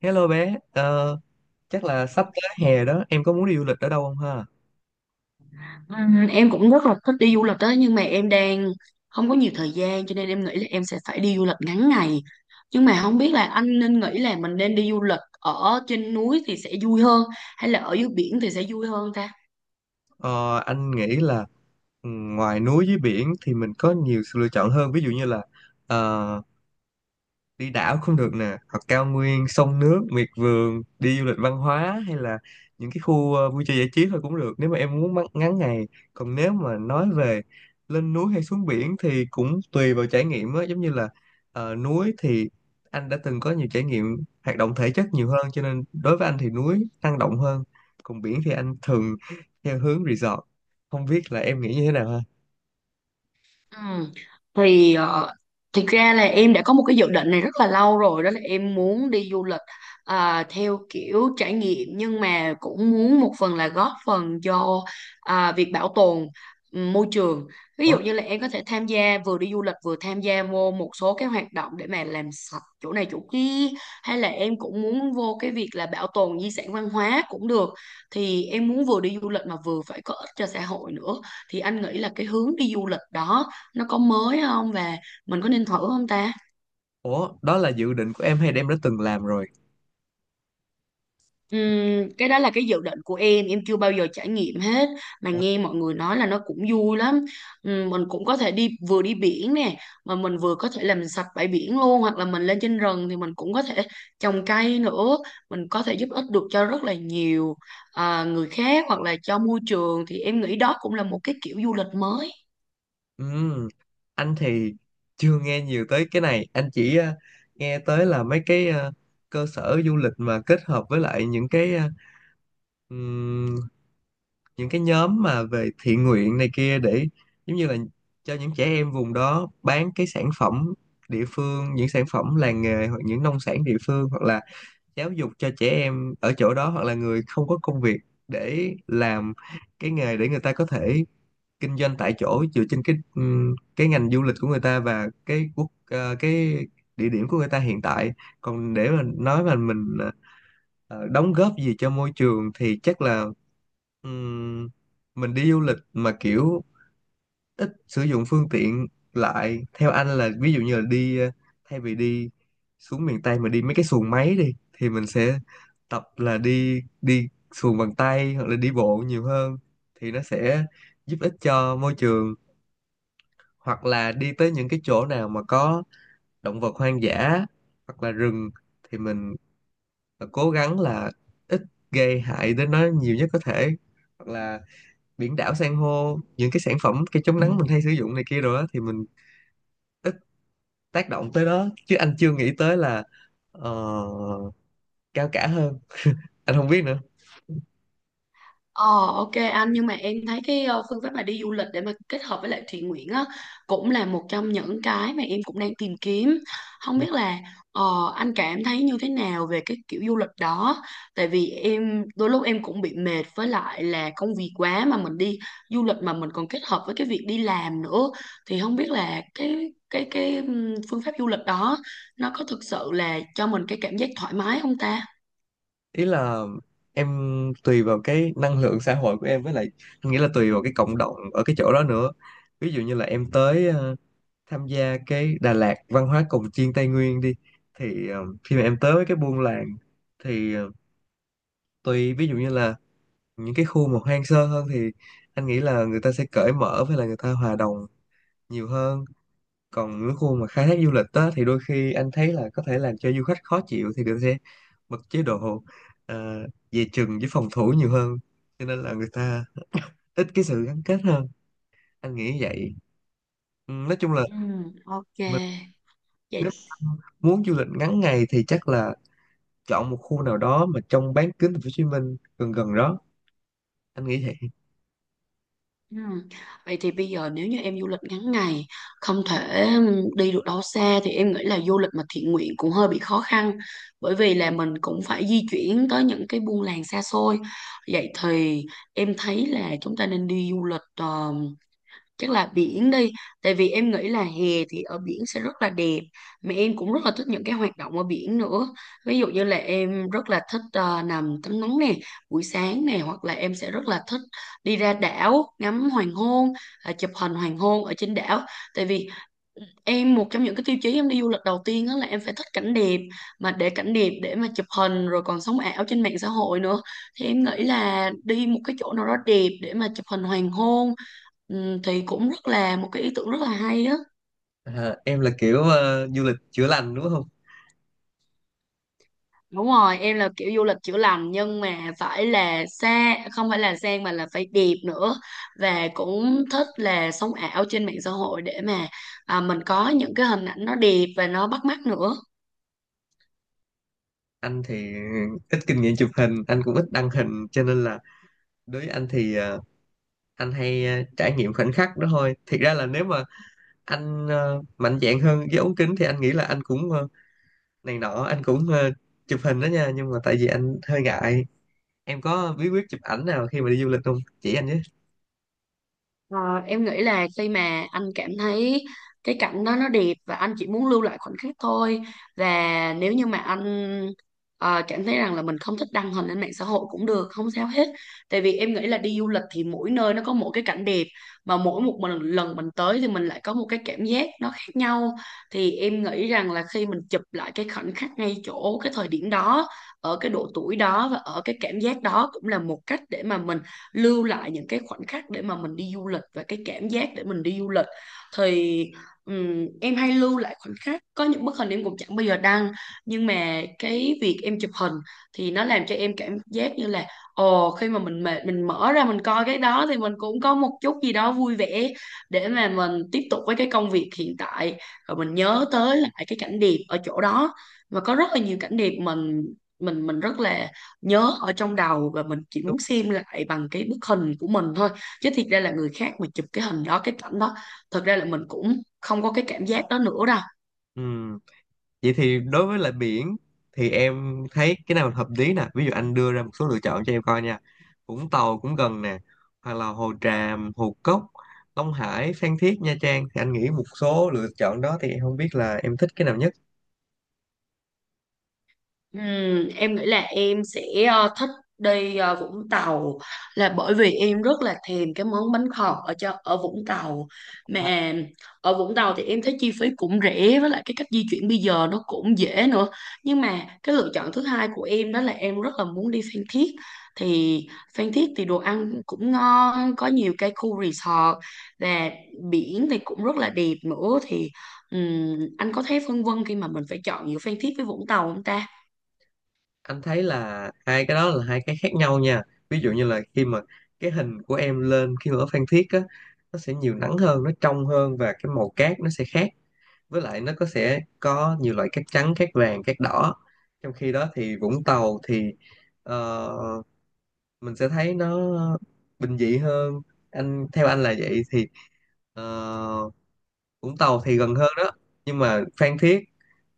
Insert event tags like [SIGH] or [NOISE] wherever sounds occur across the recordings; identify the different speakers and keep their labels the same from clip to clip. Speaker 1: Hello bé, chắc là sắp tới hè đó, em có muốn đi du lịch ở đâu không ha?
Speaker 2: Em cũng rất là thích đi du lịch đó nhưng mà em đang không có nhiều thời gian cho nên em nghĩ là em sẽ phải đi du lịch ngắn ngày, nhưng mà không biết là anh nên nghĩ là mình nên đi du lịch ở trên núi thì sẽ vui hơn hay là ở dưới biển thì sẽ vui hơn ta?
Speaker 1: Ờ, anh nghĩ là ngoài núi với biển thì mình có nhiều sự lựa chọn hơn, ví dụ như là ờ, đi đảo cũng được nè, hoặc cao nguyên sông nước miệt vườn, đi du lịch văn hóa, hay là những cái khu vui chơi giải trí thôi cũng được nếu mà em muốn ngắn ngày. Còn nếu mà nói về lên núi hay xuống biển thì cũng tùy vào trải nghiệm á, giống như là núi thì anh đã từng có nhiều trải nghiệm hoạt động thể chất nhiều hơn, cho nên đối với anh thì núi năng động hơn, còn biển thì anh thường theo hướng resort. Không biết là em nghĩ như thế nào ha.
Speaker 2: Ừ. Thì thực ra là em đã có một cái dự định này rất là lâu rồi, đó là em muốn đi du lịch theo kiểu trải nghiệm, nhưng mà cũng muốn một phần là góp phần cho việc bảo tồn môi trường. Ví
Speaker 1: ủa
Speaker 2: dụ như là em có thể tham gia vừa đi du lịch vừa tham gia vô một số cái hoạt động để mà làm sạch chỗ này chỗ kia, hay là em cũng muốn vô cái việc là bảo tồn di sản văn hóa cũng được. Thì em muốn vừa đi du lịch mà vừa phải có ích cho xã hội nữa, thì anh nghĩ là cái hướng đi du lịch đó nó có mới không, và mình có nên thử không ta?
Speaker 1: ủa đó là dự định của em hay là em đã từng làm rồi?
Speaker 2: Cái đó là cái dự định của em chưa bao giờ trải nghiệm hết mà nghe mọi người nói là nó cũng vui lắm. Mình cũng có thể đi, vừa đi biển nè mà mình vừa có thể làm sạch bãi biển luôn, hoặc là mình lên trên rừng thì mình cũng có thể trồng cây nữa. Mình có thể giúp ích được cho rất là nhiều người khác hoặc là cho môi trường, thì em nghĩ đó cũng là một cái kiểu du lịch mới.
Speaker 1: Ừm, anh thì chưa nghe nhiều tới cái này, anh chỉ nghe tới là mấy cái cơ sở du lịch mà kết hợp với lại ừm, những cái nhóm mà về thiện nguyện này kia, để giống như là cho những trẻ em vùng đó bán cái sản phẩm địa phương, những sản phẩm làng nghề, hoặc những nông sản địa phương, hoặc là giáo dục cho trẻ em ở chỗ đó, hoặc là người không có công việc, để làm cái nghề để người ta có thể kinh doanh tại chỗ dựa trên cái ngành du lịch của người ta, và cái địa điểm của người ta hiện tại. Còn để mà nói mà mình đóng góp gì cho môi trường thì chắc là ừm, mình đi du lịch mà kiểu ít sử dụng phương tiện lại, theo anh là ví dụ như là thay vì đi xuống miền Tây mà đi mấy cái xuồng máy đi, thì mình sẽ tập là đi đi xuồng bằng tay hoặc là đi bộ nhiều hơn, thì nó sẽ giúp ích cho môi trường. Hoặc là đi tới những cái chỗ nào mà có động vật hoang dã hoặc là rừng thì mình cố gắng là ít gây hại đến nó nhiều nhất có thể, hoặc là biển đảo san hô, những cái sản phẩm cái chống nắng mình hay sử dụng này kia rồi á, thì mình ít tác động tới đó. Chứ anh chưa nghĩ tới là ờ, cao cả hơn, anh không biết nữa.
Speaker 2: Ờ ok anh, nhưng mà em thấy cái phương pháp mà đi du lịch để mà kết hợp với lại thiện nguyện á cũng là một trong những cái mà em cũng đang tìm kiếm. Không biết là ờ, anh cảm thấy như thế nào về cái kiểu du lịch đó. Tại vì em đôi lúc em cũng bị mệt với lại là công việc quá, mà mình đi du lịch mà mình còn kết hợp với cái việc đi làm nữa, thì không biết là cái phương pháp du lịch đó nó có thực sự là cho mình cái cảm giác thoải mái không ta?
Speaker 1: Ý là em tùy vào cái năng lượng xã hội của em, với lại anh nghĩ là tùy vào cái cộng đồng ở cái chỗ đó nữa. Ví dụ như là em tới tham gia cái Đà Lạt văn hóa cồng chiêng Tây Nguyên đi, thì khi mà em tới với cái buôn làng thì tùy, ví dụ như là những cái khu mà hoang sơ hơn thì anh nghĩ là người ta sẽ cởi mở, với là người ta hòa đồng nhiều hơn. Còn những khu mà khai thác du lịch đó thì đôi khi anh thấy là có thể làm cho du khách khó chịu, thì người ta sẽ bật chế độ ờ, về chừng với phòng thủ nhiều hơn, cho nên là người ta ít cái sự gắn kết hơn, anh nghĩ vậy. Ừ, nói chung là
Speaker 2: Ừ ok.
Speaker 1: mình
Speaker 2: Vậy.
Speaker 1: nếu muốn du lịch ngắn ngày thì chắc là chọn một khu nào đó mà trong bán kính thành phố Hồ Chí Minh gần gần đó, anh nghĩ vậy.
Speaker 2: Ừ. Vậy thì bây giờ nếu như em du lịch ngắn ngày không thể đi được đâu xa, thì em nghĩ là du lịch mà thiện nguyện cũng hơi bị khó khăn, bởi vì là mình cũng phải di chuyển tới những cái buôn làng xa xôi. Vậy thì em thấy là chúng ta nên đi du lịch chắc là biển đi, tại vì em nghĩ là hè thì ở biển sẽ rất là đẹp, mà em cũng rất là thích những cái hoạt động ở biển nữa. Ví dụ như là em rất là thích nằm tắm nắng nè buổi sáng nè, hoặc là em sẽ rất là thích đi ra đảo ngắm hoàng hôn, chụp hình hoàng hôn ở trên đảo. Tại vì em, một trong những cái tiêu chí em đi du lịch đầu tiên đó là em phải thích cảnh đẹp, mà để cảnh đẹp để mà chụp hình rồi còn sống ảo trên mạng xã hội nữa, thì em nghĩ là đi một cái chỗ nào đó đẹp để mà chụp hình hoàng hôn thì cũng rất là một cái ý tưởng rất là hay á.
Speaker 1: À, em là kiểu du lịch chữa lành đúng không?
Speaker 2: Đúng rồi, em là kiểu du lịch chữa lành nhưng mà phải là xa, không phải là sang mà là phải đẹp nữa, và cũng thích là sống ảo trên mạng xã hội để mà mình có những cái hình ảnh nó đẹp và nó bắt mắt nữa.
Speaker 1: Anh thì ít kinh nghiệm chụp hình, anh cũng ít đăng hình, cho nên là đối với anh thì anh hay trải nghiệm khoảnh khắc đó thôi. Thiệt ra là nếu mà anh mạnh dạn hơn với ống kính thì anh nghĩ là anh cũng này nọ, anh cũng chụp hình đó nha, nhưng mà tại vì anh hơi ngại. Em có bí quyết chụp ảnh nào khi mà đi du lịch không, chỉ anh với.
Speaker 2: Ờ, em nghĩ là khi mà anh cảm thấy cái cảnh đó nó đẹp và anh chỉ muốn lưu lại khoảnh khắc thôi, và nếu như mà anh cảm thấy rằng là mình không thích đăng hình lên mạng xã hội cũng được, không sao hết. Tại vì em nghĩ là đi du lịch thì mỗi nơi nó có một cái cảnh đẹp, mà mỗi một lần mình tới thì mình lại có một cái cảm giác nó khác nhau. Thì em nghĩ rằng là khi mình chụp lại cái khoảnh khắc ngay chỗ cái thời điểm đó, ở cái độ tuổi đó và ở cái cảm giác đó, cũng là một cách để mà mình lưu lại những cái khoảnh khắc để mà mình đi du lịch và cái cảm giác để mình đi du lịch. Thì em hay lưu lại khoảnh khắc, có những bức hình em cũng chẳng bao giờ đăng, nhưng mà cái việc em chụp hình thì nó làm cho em cảm giác như là, ồ, khi mà mình mệt mình mở ra mình coi cái đó thì mình cũng có một chút gì đó vui vẻ để mà mình tiếp tục với cái công việc hiện tại, rồi mình nhớ tới lại cái cảnh đẹp ở chỗ đó. Và có rất là nhiều cảnh đẹp mình mình rất là nhớ ở trong đầu, và mình chỉ
Speaker 1: Đúng.
Speaker 2: muốn xem lại bằng cái bức hình của mình thôi, chứ thiệt ra là người khác mà chụp cái hình đó, cái cảnh đó, thật ra là mình cũng không có cái cảm giác đó nữa đâu.
Speaker 1: Ừ. Vậy thì đối với lại biển thì em thấy cái nào hợp lý nè. Ví dụ anh đưa ra một số lựa chọn cho em coi nha. Vũng Tàu cũng gần nè, hoặc là Hồ Tràm, Hồ Cốc, Long Hải, Phan Thiết, Nha Trang, thì anh nghĩ một số lựa chọn đó thì em không biết là em thích cái nào nhất.
Speaker 2: Em nghĩ là em sẽ thích đi Vũng Tàu, là bởi vì em rất là thèm cái món bánh khọt ở Vũng Tàu. Mà ở Vũng Tàu thì em thấy chi phí cũng rẻ, với lại cái cách di chuyển bây giờ nó cũng dễ nữa. Nhưng mà cái lựa chọn thứ hai của em đó là em rất là muốn đi Phan Thiết. Thì Phan Thiết thì đồ ăn cũng ngon, có nhiều cái khu resort, và biển thì cũng rất là đẹp nữa. Thì anh có thấy phân vân khi mà mình phải chọn giữa Phan Thiết với Vũng Tàu không ta?
Speaker 1: Anh thấy là hai cái đó là hai cái khác nhau nha. Ví dụ như là khi mà cái hình của em lên khi mà ở Phan Thiết á, nó sẽ nhiều nắng hơn, nó trong hơn, và cái màu cát nó sẽ khác, với lại nó có sẽ có nhiều loại cát trắng, cát vàng, cát đỏ. Trong khi đó thì Vũng Tàu thì ờ, mình sẽ thấy nó bình dị hơn, theo anh là vậy. Thì ờ, Vũng Tàu thì gần hơn đó, nhưng mà Phan Thiết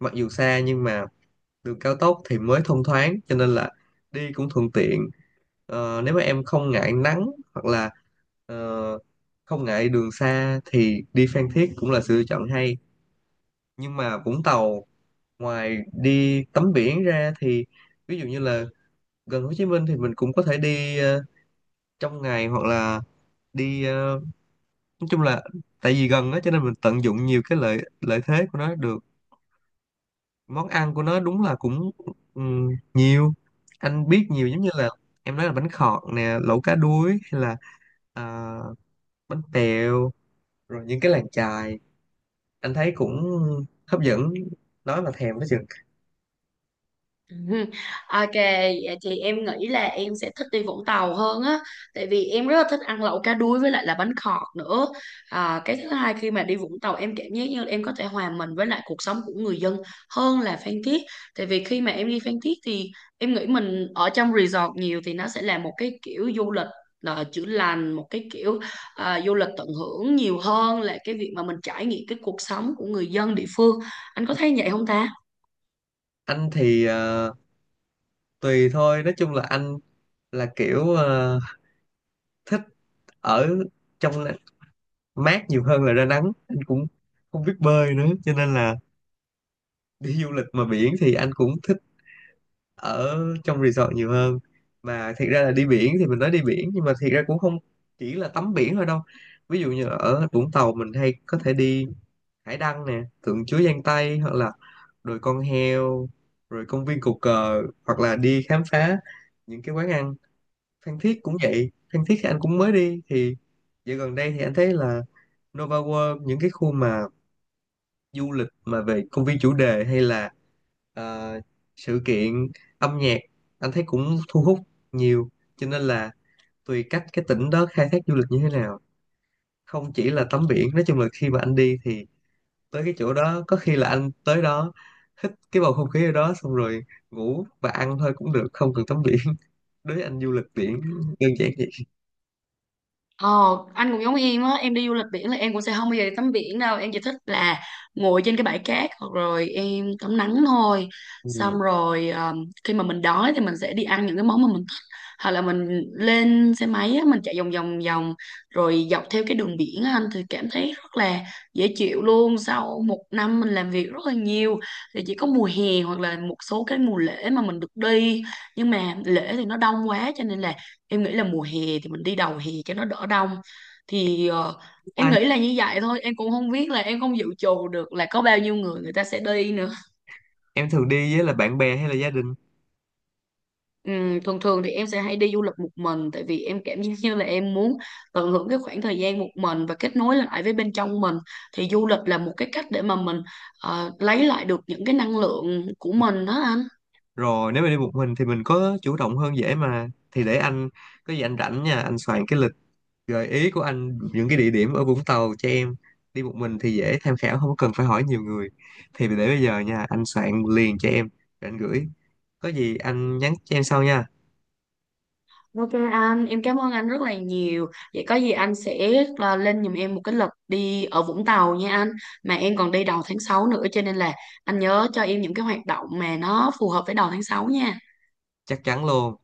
Speaker 1: mặc dù xa nhưng mà đường cao tốc thì mới thông thoáng, cho nên là đi cũng thuận tiện. Nếu mà em không ngại nắng, hoặc là ờ, không ngại đường xa thì đi Phan Thiết cũng là sự lựa chọn hay. Nhưng mà Vũng Tàu, ngoài đi tắm biển ra thì ví dụ như là gần Hồ Chí Minh thì mình cũng có thể đi trong ngày, hoặc là đi ờ, nói chung là tại vì gần á cho nên mình tận dụng nhiều cái lợi lợi thế của nó được. Món ăn của nó đúng là cũng nhiều, anh biết nhiều, giống như là em nói, là bánh khọt nè, lẩu cá đuối, hay là à, bánh tèo, rồi những cái làng chài, anh thấy cũng hấp dẫn, nói mà thèm đó chừng.
Speaker 2: Ừ. Ok, vậy thì em nghĩ là em sẽ thích đi Vũng Tàu hơn á. Tại vì em rất là thích ăn lẩu cá đuối với lại là bánh khọt nữa. Cái thứ hai, khi mà đi Vũng Tàu em cảm giác như là em có thể hòa mình với lại cuộc sống của người dân hơn là Phan Thiết. Tại vì khi mà em đi Phan Thiết thì em nghĩ mình ở trong resort nhiều thì nó sẽ là một cái kiểu du lịch là chữa lành, một cái kiểu du lịch tận hưởng nhiều hơn là cái việc mà mình trải nghiệm cái cuộc sống của người dân địa phương. Anh có thấy vậy không ta?
Speaker 1: Anh thì tùy thôi, nói chung là anh là kiểu thích ở trong mát nhiều hơn là ra nắng, anh cũng không biết bơi nữa, cho nên là đi du lịch mà biển thì anh cũng thích ở trong resort nhiều hơn. Mà thiệt ra là đi biển thì mình nói đi biển nhưng mà thiệt ra cũng không chỉ là tắm biển thôi đâu, ví dụ như ở Vũng Tàu mình hay có thể đi Hải Đăng nè, Tượng Chúa Giang tây, hoặc là đồi con heo, rồi công viên Cột Cờ, hoặc là đi khám phá những cái quán ăn. Phan Thiết cũng vậy, Phan Thiết thì anh cũng mới đi, thì dạo gần đây thì anh thấy là Nova World, những cái khu mà du lịch mà về công viên chủ đề, hay là ờ, sự kiện âm nhạc, anh thấy cũng thu hút nhiều, cho nên là tùy cách cái tỉnh đó khai thác du lịch như thế nào, không chỉ là tắm biển. Nói chung là khi mà anh đi thì tới cái chỗ đó, có khi là anh tới đó hít cái bầu không khí ở đó xong rồi ngủ và ăn thôi cũng được, không cần tắm biển [LAUGHS] đối với anh du lịch biển đơn giản vậy.
Speaker 2: Ờ, anh cũng giống em á, em đi du lịch biển là em cũng sẽ không bao giờ đi tắm biển đâu, em chỉ thích là ngồi trên cái bãi cát hoặc rồi em tắm nắng thôi.
Speaker 1: Ừ.
Speaker 2: Xong rồi khi mà mình đói thì mình sẽ đi ăn những cái món mà mình thích. Hoặc là mình lên xe máy á, mình chạy vòng vòng vòng rồi dọc theo cái đường biển á, anh thì cảm thấy rất là dễ chịu luôn. Sau một năm mình làm việc rất là nhiều thì chỉ có mùa hè hoặc là một số cái mùa lễ mà mình được đi. Nhưng mà lễ thì nó đông quá cho nên là em nghĩ là mùa hè thì mình đi đầu hè cho nó đỡ đông. Thì em
Speaker 1: Ai,
Speaker 2: nghĩ là như vậy thôi, em cũng không biết, là em không dự trù được là có bao nhiêu người người ta sẽ đi nữa.
Speaker 1: em thường đi với là bạn bè hay là gia đình?
Speaker 2: Thường thường thì em sẽ hay đi du lịch một mình, tại vì em cảm [LAUGHS] giác như là em muốn tận hưởng cái khoảng thời gian một mình và kết nối lại với bên trong mình. Thì du lịch là một cái cách để mà mình lấy lại được những cái năng lượng của mình đó anh.
Speaker 1: Rồi, nếu mà đi một mình thì mình có chủ động hơn dễ mà, thì để anh, có gì anh rảnh nha, anh soạn cái lịch gợi ý của anh, những cái địa điểm ở Vũng Tàu cho em, đi một mình thì dễ tham khảo, không có cần phải hỏi nhiều người. Thì để bây giờ nha, anh soạn liền cho em rồi anh gửi, có gì anh nhắn cho em sau nha.
Speaker 2: Ok anh, em cảm ơn anh rất là nhiều. Vậy có gì anh sẽ lên giùm em một cái lịch đi ở Vũng Tàu nha anh. Mà em còn đi đầu tháng 6 nữa cho nên là anh nhớ cho em những cái hoạt động mà nó phù hợp với đầu tháng 6 nha.
Speaker 1: Chắc chắn luôn.